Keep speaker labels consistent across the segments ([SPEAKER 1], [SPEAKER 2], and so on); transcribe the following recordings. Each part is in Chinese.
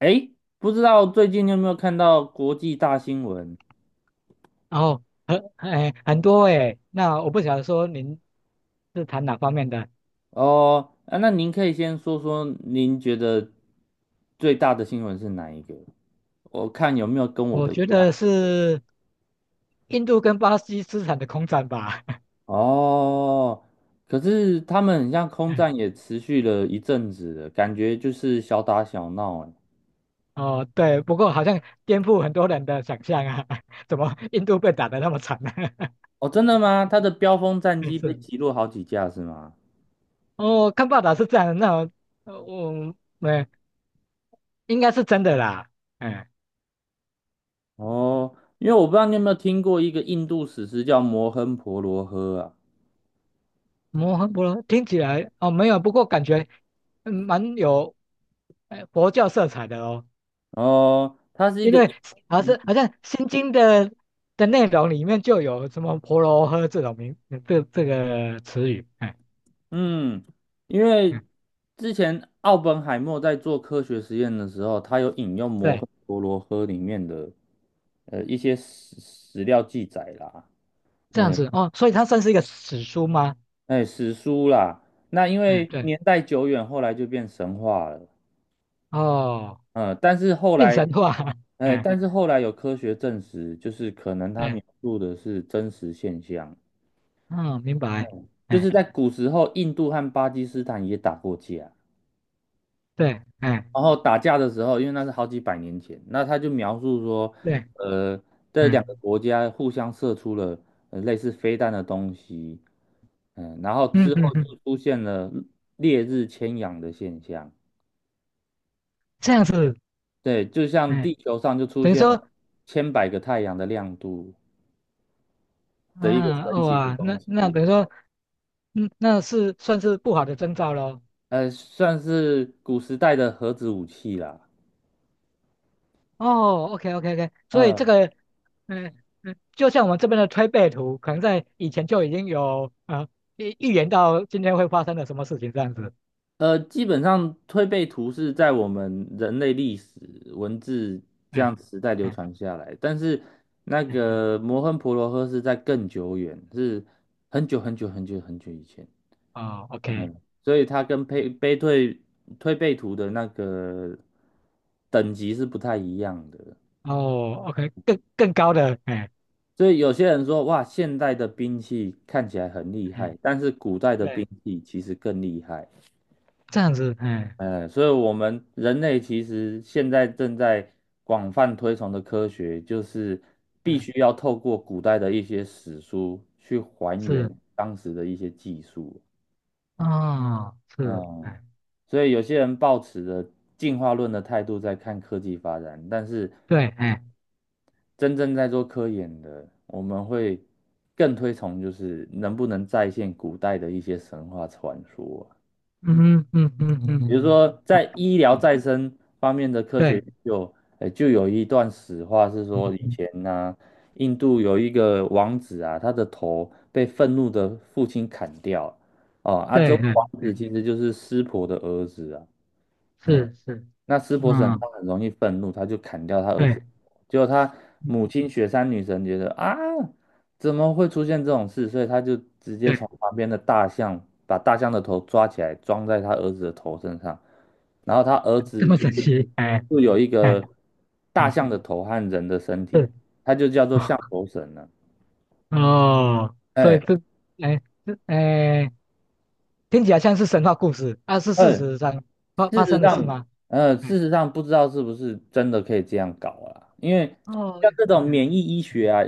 [SPEAKER 1] 哎，不知道最近你有没有看到国际大新闻？
[SPEAKER 2] 然后很很多哎，那我不晓得说您是谈哪方面的。
[SPEAKER 1] 哦，啊，那您可以先说说您觉得最大的新闻是哪一个？我看有没有跟我
[SPEAKER 2] 我
[SPEAKER 1] 的一
[SPEAKER 2] 觉得
[SPEAKER 1] 样。
[SPEAKER 2] 是印度跟巴西资产的空战吧。
[SPEAKER 1] 哦，可是他们很像空战
[SPEAKER 2] 嗯
[SPEAKER 1] 也持续了一阵子了，感觉就是小打小闹哎。
[SPEAKER 2] 哦，对，不过好像颠覆很多人的想象啊，怎么印度被打得那么惨呢？
[SPEAKER 1] 哦，真的吗？他的标风 战
[SPEAKER 2] 嗯
[SPEAKER 1] 机被
[SPEAKER 2] 是，
[SPEAKER 1] 击落好几架是吗？
[SPEAKER 2] 哦，看报道是这样的。那我我没应该是真的啦，哎，
[SPEAKER 1] 哦，因为我不知道你有没有听过一个印度史诗叫《摩亨婆罗河》啊。
[SPEAKER 2] 摩诃婆罗听起来哦没有，不过感觉嗯蛮有佛教色彩的哦。
[SPEAKER 1] 哦，它是一
[SPEAKER 2] 因
[SPEAKER 1] 个。
[SPEAKER 2] 为好像《心经》的内容里面就有什么婆罗诃这种名这个词语，哎
[SPEAKER 1] 嗯，因
[SPEAKER 2] 嗯，
[SPEAKER 1] 为之前奥本海默在做科学实验的时候，他有引用摩诃
[SPEAKER 2] 对，
[SPEAKER 1] 婆罗诃里面的一些史料记载啦，
[SPEAKER 2] 这样
[SPEAKER 1] 嗯，
[SPEAKER 2] 子哦，所以它算是一个史书吗？
[SPEAKER 1] 哎，史书啦。那因
[SPEAKER 2] 嗯，
[SPEAKER 1] 为
[SPEAKER 2] 对，
[SPEAKER 1] 年代久远，后来就变神话了。
[SPEAKER 2] 哦，
[SPEAKER 1] 嗯，但是后
[SPEAKER 2] 变
[SPEAKER 1] 来，
[SPEAKER 2] 神话，
[SPEAKER 1] 哎，
[SPEAKER 2] 嗯，
[SPEAKER 1] 但是后来有科学证实，就是可能他
[SPEAKER 2] 对，
[SPEAKER 1] 描述的是真实现象，
[SPEAKER 2] 嗯，明白，
[SPEAKER 1] 就是
[SPEAKER 2] 哎，
[SPEAKER 1] 在古时候，印度和巴基斯坦也打过架。
[SPEAKER 2] 对，哎，
[SPEAKER 1] 然后打架的时候，因为那是好几百年前，那他就描述说，
[SPEAKER 2] 对，
[SPEAKER 1] 呃，这两个
[SPEAKER 2] 嗯
[SPEAKER 1] 国家互相射出了类似飞弹的东西，嗯，然后
[SPEAKER 2] 嗯
[SPEAKER 1] 之后
[SPEAKER 2] 嗯嗯，
[SPEAKER 1] 就出现了烈日千阳的现象，
[SPEAKER 2] 这样子，
[SPEAKER 1] 对，就像
[SPEAKER 2] 哎，
[SPEAKER 1] 地球上就出
[SPEAKER 2] 等于
[SPEAKER 1] 现
[SPEAKER 2] 说，
[SPEAKER 1] 了千百个太阳的亮度的一个
[SPEAKER 2] 啊，
[SPEAKER 1] 神
[SPEAKER 2] 哦
[SPEAKER 1] 奇的
[SPEAKER 2] 啊，
[SPEAKER 1] 东
[SPEAKER 2] 那
[SPEAKER 1] 西，
[SPEAKER 2] 等于说，嗯，那是算是不好的征兆喽。
[SPEAKER 1] 算是古时代的核子武器啦。
[SPEAKER 2] 哦，OK OK OK,所以
[SPEAKER 1] 嗯。
[SPEAKER 2] 这个嗯嗯，就像我们这边的推背图，可能在以前就已经有啊预言到今天会发生的什么事情这样子。
[SPEAKER 1] 基本上推背图是在我们人类历史文字这
[SPEAKER 2] 哎
[SPEAKER 1] 样时代流
[SPEAKER 2] 哎
[SPEAKER 1] 传下来，但是那
[SPEAKER 2] 哎，
[SPEAKER 1] 个摩亨婆罗河是在更久远，是很久很久很久很久以前，
[SPEAKER 2] 哦，OK,
[SPEAKER 1] 所以它跟配背对推背图的那个等级是不太一样的。
[SPEAKER 2] 哦，OK,更高的，哎，
[SPEAKER 1] 所以有些人说，哇，现代的兵器看起来很厉害，
[SPEAKER 2] 嗯，
[SPEAKER 1] 但是古代的兵
[SPEAKER 2] 对，
[SPEAKER 1] 器其实更厉害。
[SPEAKER 2] 这样子，哎
[SPEAKER 1] 嗯，所以我们人类其实现在正在广泛推崇的科学，就是必
[SPEAKER 2] 嗯，
[SPEAKER 1] 须要透过古代的一些史书去还原
[SPEAKER 2] 是，
[SPEAKER 1] 当时的一些技术。
[SPEAKER 2] 哦，是，
[SPEAKER 1] 嗯，
[SPEAKER 2] 哎，
[SPEAKER 1] 所以有些人抱持着进化论的态度在看科技发展，但是
[SPEAKER 2] 对，哎，
[SPEAKER 1] 真正在做科研的，我们会更推崇就是能不能再现古代的一些神话传说啊。
[SPEAKER 2] 嗯嗯嗯嗯
[SPEAKER 1] 比如
[SPEAKER 2] 嗯，
[SPEAKER 1] 说
[SPEAKER 2] 好
[SPEAKER 1] 在医疗
[SPEAKER 2] 嗯
[SPEAKER 1] 再生方面的科学
[SPEAKER 2] 对，
[SPEAKER 1] 研究，就有一段史话是
[SPEAKER 2] 嗯
[SPEAKER 1] 说，以
[SPEAKER 2] 嗯
[SPEAKER 1] 前呢、印度有一个王子啊，他的头被愤怒的父亲砍掉，哦，啊，这
[SPEAKER 2] 对
[SPEAKER 1] 位
[SPEAKER 2] 对，
[SPEAKER 1] 王子其实就是湿婆的儿子啊，哎、
[SPEAKER 2] 是是，
[SPEAKER 1] 那湿婆神他
[SPEAKER 2] 嗯，
[SPEAKER 1] 很容易愤怒，他就砍掉他儿子。
[SPEAKER 2] 对
[SPEAKER 1] 结果他
[SPEAKER 2] 嗯
[SPEAKER 1] 母亲雪山女神觉得啊，怎么会出现这种事？所以他就直接
[SPEAKER 2] 对，
[SPEAKER 1] 从旁边的大象把大象的头抓起来，装在他儿子的头身上。然后他儿
[SPEAKER 2] 这
[SPEAKER 1] 子
[SPEAKER 2] 么神奇，哎
[SPEAKER 1] 就有一
[SPEAKER 2] 哎
[SPEAKER 1] 个大
[SPEAKER 2] 哎，
[SPEAKER 1] 象的头和人的身体，
[SPEAKER 2] 是。
[SPEAKER 1] 他就叫做象 头神了。
[SPEAKER 2] 哦，所
[SPEAKER 1] 哎，
[SPEAKER 2] 以这，哎，这，哎，听起来像是神话故事，啊，是事
[SPEAKER 1] 嗯。
[SPEAKER 2] 实上发
[SPEAKER 1] 事
[SPEAKER 2] 发
[SPEAKER 1] 实
[SPEAKER 2] 生的事
[SPEAKER 1] 上，
[SPEAKER 2] 吗？
[SPEAKER 1] 事
[SPEAKER 2] 哎，
[SPEAKER 1] 实上不知道是不是真的可以这样搞啦，因为
[SPEAKER 2] 哦，
[SPEAKER 1] 像这种
[SPEAKER 2] 哎，
[SPEAKER 1] 免疫医学啊，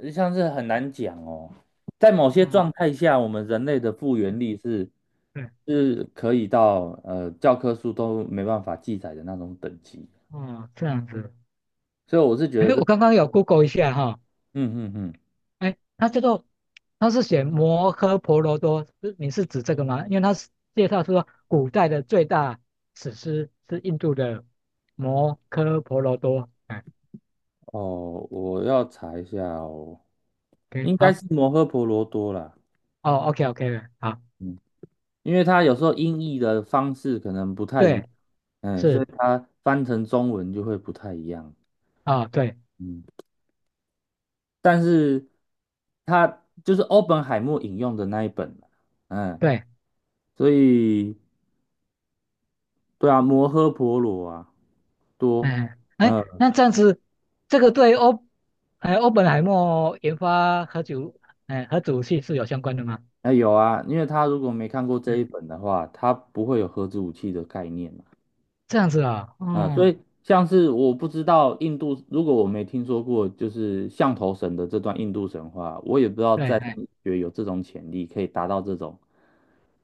[SPEAKER 1] 像是很难讲哦。在某些
[SPEAKER 2] 嗯，
[SPEAKER 1] 状态下，我们人类的复原
[SPEAKER 2] 嗯
[SPEAKER 1] 力是
[SPEAKER 2] 对，
[SPEAKER 1] 是可以到教科书都没办法记载的那种等级，
[SPEAKER 2] 哦，这样子，
[SPEAKER 1] 所以我是
[SPEAKER 2] 哎，
[SPEAKER 1] 觉得
[SPEAKER 2] 我
[SPEAKER 1] 这，
[SPEAKER 2] 刚刚有 Google 一下哈，
[SPEAKER 1] 嗯嗯嗯，
[SPEAKER 2] 哎，它叫做，它是写摩诃婆罗多，是你是指这个吗？因为它是介绍说古代的最大史诗是印度的摩诃婆罗多，哎
[SPEAKER 1] 哦，我要查一下哦，
[SPEAKER 2] ，OK,
[SPEAKER 1] 应该
[SPEAKER 2] 好，
[SPEAKER 1] 是摩诃婆罗多啦。
[SPEAKER 2] 哦OK，OK，好，
[SPEAKER 1] 嗯因为它有时候音译的方式可能不太一，
[SPEAKER 2] 对，
[SPEAKER 1] 嗯，所以
[SPEAKER 2] 是，
[SPEAKER 1] 它翻成中文就会不太一样，
[SPEAKER 2] 啊，对。
[SPEAKER 1] 嗯，但是它就是欧本海默引用的那一本，嗯，
[SPEAKER 2] 对，
[SPEAKER 1] 所以对啊，摩诃婆罗啊，多，
[SPEAKER 2] 哎哎，
[SPEAKER 1] 嗯，
[SPEAKER 2] 那这样子，这个对欧，哎，欧本海默研发核主，哎，核武器是有相关的吗？
[SPEAKER 1] 那有啊，因为他如果没看过这
[SPEAKER 2] 嗯，
[SPEAKER 1] 一本的话，他不会有核子武器的概念，
[SPEAKER 2] 这样子啊、嗯，
[SPEAKER 1] 啊，所
[SPEAKER 2] 哦，
[SPEAKER 1] 以像是我不知道印度，如果我没听说过，就是象头神的这段印度神话，我也不知道
[SPEAKER 2] 对，
[SPEAKER 1] 在
[SPEAKER 2] 哎，
[SPEAKER 1] 医学有这种潜力，可以达到这种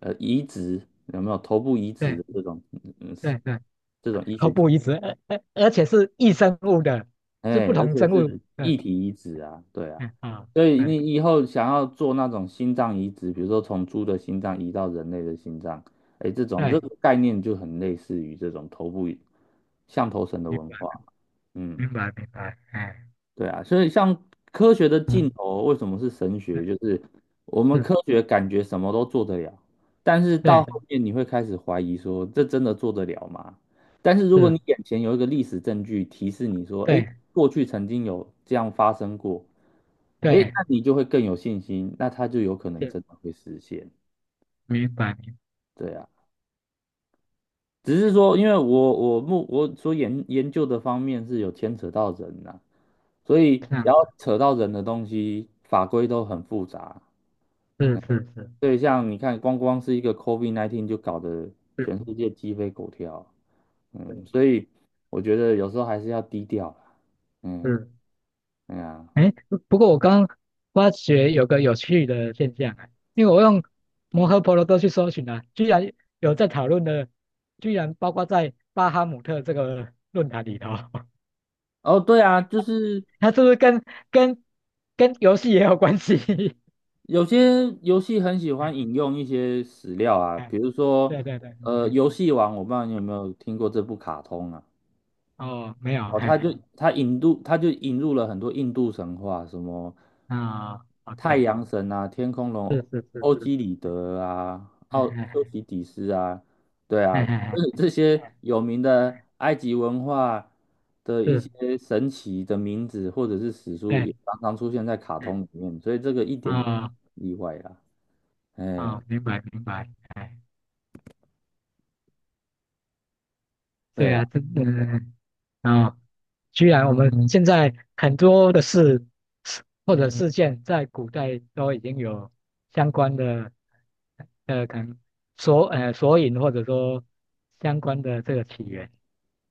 [SPEAKER 1] 呃移植有没有头部移植的
[SPEAKER 2] 对
[SPEAKER 1] 这种嗯
[SPEAKER 2] 对对，
[SPEAKER 1] 这种医
[SPEAKER 2] 口
[SPEAKER 1] 学，
[SPEAKER 2] 不一致，而且是异生物的，是不
[SPEAKER 1] 哎，而
[SPEAKER 2] 同
[SPEAKER 1] 且
[SPEAKER 2] 生物
[SPEAKER 1] 是
[SPEAKER 2] 的，
[SPEAKER 1] 异体移植啊，对啊，
[SPEAKER 2] 嗯啊、
[SPEAKER 1] 所以你
[SPEAKER 2] 对
[SPEAKER 1] 以后想要做那种心脏移植，比如说从猪的心脏移到人类的心脏，哎，这种这
[SPEAKER 2] 对，
[SPEAKER 1] 个概念就很类似于这种头部象头神的
[SPEAKER 2] 明
[SPEAKER 1] 文
[SPEAKER 2] 白
[SPEAKER 1] 化，嗯。
[SPEAKER 2] 明白明白，哎，
[SPEAKER 1] 对啊，所以像科学的尽
[SPEAKER 2] 嗯，
[SPEAKER 1] 头为什么是神
[SPEAKER 2] 对
[SPEAKER 1] 学？就是我们
[SPEAKER 2] 是，
[SPEAKER 1] 科学感觉什么都做得了，但是到
[SPEAKER 2] 对
[SPEAKER 1] 后面你会开始怀疑说，这真的做得了吗？但是如果
[SPEAKER 2] 是，
[SPEAKER 1] 你眼前有一个历史证据提示你说，哎，
[SPEAKER 2] 对
[SPEAKER 1] 过去曾经有这样发生过，哎，
[SPEAKER 2] 对
[SPEAKER 1] 那你就会更有信心，那它就有可能
[SPEAKER 2] 是，
[SPEAKER 1] 真的会实现。
[SPEAKER 2] 明白明
[SPEAKER 1] 对啊，只是说，因为我所研究的方面是有牵扯到人呐、所以只
[SPEAKER 2] 白，这样
[SPEAKER 1] 要
[SPEAKER 2] 子，
[SPEAKER 1] 扯到人的东西，法规都很复杂。
[SPEAKER 2] 是是是
[SPEAKER 1] 所以像你看，光光是一个 COVID-19 就搞得全
[SPEAKER 2] 是
[SPEAKER 1] 世界鸡飞狗跳，嗯，
[SPEAKER 2] 是。
[SPEAKER 1] 所以我觉得有时候还是要低调啦嗯，
[SPEAKER 2] 是
[SPEAKER 1] 对啊，
[SPEAKER 2] 哎，不过我刚发觉有个有趣的现象啊，因为我用摩诃婆罗多去搜寻啊，居然有在讨论的，居然包括在巴哈姆特这个论坛里头，
[SPEAKER 1] 哦，对啊，就是
[SPEAKER 2] 它是不是跟跟游戏也有关系？
[SPEAKER 1] 有些游戏很喜
[SPEAKER 2] 哎
[SPEAKER 1] 欢引用一些史料啊，
[SPEAKER 2] 哎，
[SPEAKER 1] 比如说，
[SPEAKER 2] 对对对，嗯嗯
[SPEAKER 1] 游戏王，我不知道你有没有听过这部卡通啊。
[SPEAKER 2] 哦，没有，
[SPEAKER 1] 哦，他
[SPEAKER 2] 哎，
[SPEAKER 1] 就他引入他就引入了很多印度神话，什么
[SPEAKER 2] 啊
[SPEAKER 1] 太
[SPEAKER 2] ，OK,
[SPEAKER 1] 阳神啊、天空龙、
[SPEAKER 2] 是是是
[SPEAKER 1] 欧
[SPEAKER 2] 是，
[SPEAKER 1] 几里得啊、奥
[SPEAKER 2] 嗯
[SPEAKER 1] 修
[SPEAKER 2] 哎
[SPEAKER 1] 西底斯啊，对
[SPEAKER 2] 哎
[SPEAKER 1] 啊，就
[SPEAKER 2] 哎
[SPEAKER 1] 是这些
[SPEAKER 2] 哎，
[SPEAKER 1] 有名
[SPEAKER 2] 哎
[SPEAKER 1] 的
[SPEAKER 2] 哎
[SPEAKER 1] 埃及文化的一
[SPEAKER 2] 是，
[SPEAKER 1] 些神奇的名字或者是史书，
[SPEAKER 2] 对，
[SPEAKER 1] 也常常出现在卡
[SPEAKER 2] 嗯，
[SPEAKER 1] 通里面，所以这个一点也
[SPEAKER 2] 哦
[SPEAKER 1] 不意外啦。哎，
[SPEAKER 2] 哦，明白明白，哎，对
[SPEAKER 1] 对啊。
[SPEAKER 2] 啊，这嗯。啊，居然我们嗯现在很多的事或者事件，在古代都已经有相关的呃，可能索索引或者说相关的这个起源。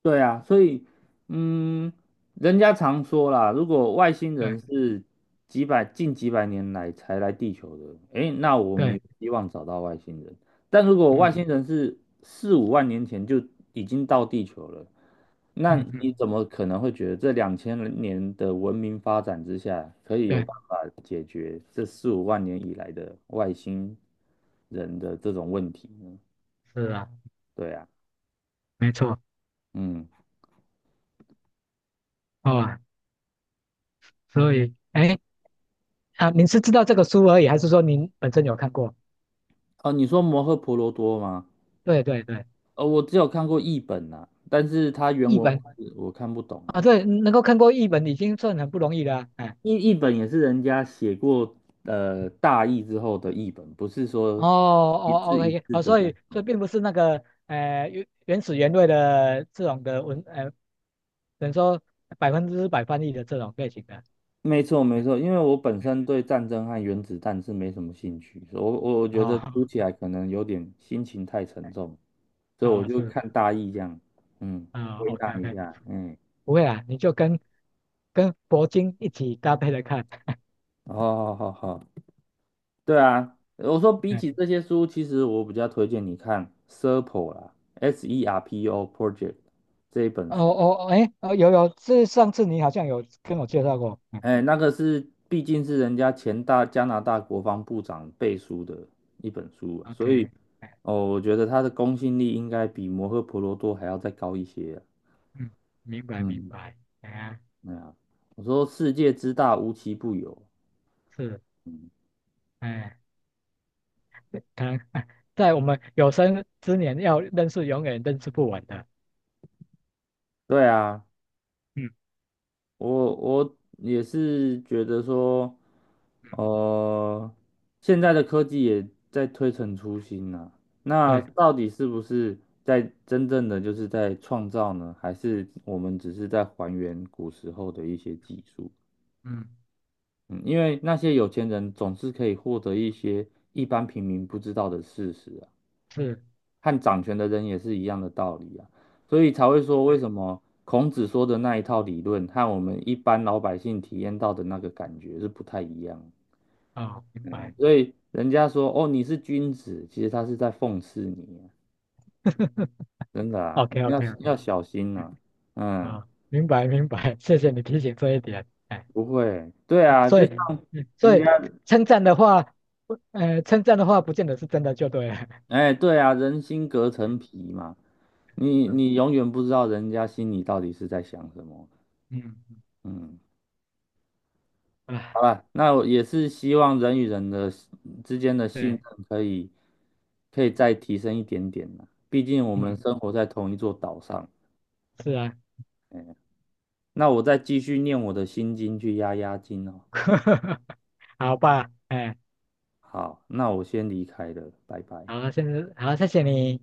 [SPEAKER 1] 对啊，所以，嗯，人家常说啦，如果外星人
[SPEAKER 2] 对
[SPEAKER 1] 是几百近几百年来才来地球的，诶，那我们有
[SPEAKER 2] 对，
[SPEAKER 1] 希望找到外星人。但如果外
[SPEAKER 2] 嗯
[SPEAKER 1] 星人是四五万年前就已经到地球了，那
[SPEAKER 2] 嗯
[SPEAKER 1] 你
[SPEAKER 2] 嗯，
[SPEAKER 1] 怎么可能会觉得这2000年的文明发展之下，可以有
[SPEAKER 2] 对，
[SPEAKER 1] 办法解决这四五万年以来的外星人的这种问题呢？
[SPEAKER 2] 是啊，
[SPEAKER 1] 对啊，
[SPEAKER 2] 没错
[SPEAKER 1] 嗯，
[SPEAKER 2] 哦。所以，哎啊，您是知道这个书而已，还是说您本身有看过？
[SPEAKER 1] 哦，你说摩诃婆罗多吗？
[SPEAKER 2] 对对对，
[SPEAKER 1] 我只有看过译本呐、但是它原
[SPEAKER 2] 译
[SPEAKER 1] 文我
[SPEAKER 2] 本
[SPEAKER 1] 是我看不懂啊。
[SPEAKER 2] 啊，对，能够看过译本已经算很不容易了啊。哎
[SPEAKER 1] 译本也是人家写过大意之后的译本，不是
[SPEAKER 2] 哦
[SPEAKER 1] 说一
[SPEAKER 2] 哦
[SPEAKER 1] 字一
[SPEAKER 2] ，OK,
[SPEAKER 1] 字
[SPEAKER 2] 哦，
[SPEAKER 1] 的
[SPEAKER 2] 所
[SPEAKER 1] 那
[SPEAKER 2] 以所
[SPEAKER 1] 种。
[SPEAKER 2] 以并不是那个原始原味的这种的文，等于说百分之百翻译的这种类型的，
[SPEAKER 1] 没错没
[SPEAKER 2] 哎，
[SPEAKER 1] 错，因为我本身对战争和原子弹是没什么兴趣，所以我觉得读起
[SPEAKER 2] 哦
[SPEAKER 1] 来可能有点心情太沉重，所以我
[SPEAKER 2] 啊
[SPEAKER 1] 就
[SPEAKER 2] 是
[SPEAKER 1] 看大意这样，嗯，
[SPEAKER 2] 啊
[SPEAKER 1] 归
[SPEAKER 2] ，OK
[SPEAKER 1] 纳一
[SPEAKER 2] OK,
[SPEAKER 1] 下，嗯，
[SPEAKER 2] 不会啊，你就跟铂金一起搭配着看，
[SPEAKER 1] 哦好好好好，对啊，我说比
[SPEAKER 2] 哎，
[SPEAKER 1] 起这些书，其实我比较推荐你看《Serpo》啦，《SERPO. Project》这一本
[SPEAKER 2] 哦
[SPEAKER 1] 书。
[SPEAKER 2] 哦哎哦有有，是上次你好像有跟我介绍过，嗯
[SPEAKER 1] 哎，那个是毕竟是人家前大加拿大国防部长背书的一本书啊所以
[SPEAKER 2] ，OK,哎
[SPEAKER 1] 哦，我觉得他的公信力应该比《摩诃婆罗多》还要再高一些啊
[SPEAKER 2] 嗯，明白明
[SPEAKER 1] 嗯，
[SPEAKER 2] 白，哎呀
[SPEAKER 1] 对啊，我说世界之大，无奇不有。
[SPEAKER 2] 是，
[SPEAKER 1] 嗯，
[SPEAKER 2] 哎，看 在我们有生之年要认识永远认识不完的。
[SPEAKER 1] 对啊。
[SPEAKER 2] 嗯
[SPEAKER 1] 我也是觉得说，
[SPEAKER 2] 嗯，
[SPEAKER 1] 呃，现在的科技也在推陈出新呐、那
[SPEAKER 2] 对，
[SPEAKER 1] 到底是不是在真正的就是在创造呢？还是我们只是在还原古时候的一些技术？
[SPEAKER 2] 嗯
[SPEAKER 1] 嗯，因为那些有钱人总是可以获得一些一般平民不知道的事实啊。
[SPEAKER 2] 是，
[SPEAKER 1] 和掌权的人也是一样的道理啊，所以才会说为
[SPEAKER 2] 对，
[SPEAKER 1] 什么孔子说的那一套理论和我们一般老百姓体验到的那个感觉是不太一样。
[SPEAKER 2] 啊，明
[SPEAKER 1] 嗯，
[SPEAKER 2] 白
[SPEAKER 1] 所以人家说哦你是君子，其实他是在讽刺你啊 真的啊，
[SPEAKER 2] ，OK OK
[SPEAKER 1] 要
[SPEAKER 2] OK,
[SPEAKER 1] 要小 心
[SPEAKER 2] 嗯
[SPEAKER 1] 啊。嗯，
[SPEAKER 2] 啊，明白明白，谢谢你提醒这一点，哎，
[SPEAKER 1] 不会，对
[SPEAKER 2] 嗯
[SPEAKER 1] 啊，
[SPEAKER 2] 所
[SPEAKER 1] 就
[SPEAKER 2] 以
[SPEAKER 1] 像
[SPEAKER 2] 嗯
[SPEAKER 1] 人
[SPEAKER 2] 所
[SPEAKER 1] 家，
[SPEAKER 2] 以称赞的话，不呃，称赞的话不见得是真的就对了，
[SPEAKER 1] 哎，对啊，人心隔层皮嘛，你
[SPEAKER 2] 嗯
[SPEAKER 1] 你永远不知道人家心里到底是在想什么。
[SPEAKER 2] 嗯嗯
[SPEAKER 1] 嗯。好
[SPEAKER 2] 啊，
[SPEAKER 1] 了，那我也是希望人与人的之间的信
[SPEAKER 2] 对，
[SPEAKER 1] 任可以再提升一点点啦。毕竟我们
[SPEAKER 2] 嗯
[SPEAKER 1] 生活在同一座岛上。
[SPEAKER 2] 是啊，
[SPEAKER 1] 那我再继续念我的心经去压压惊哦。
[SPEAKER 2] 好吧，哎，
[SPEAKER 1] 好，那我先离开了，拜拜。
[SPEAKER 2] 好，现在好，谢谢你。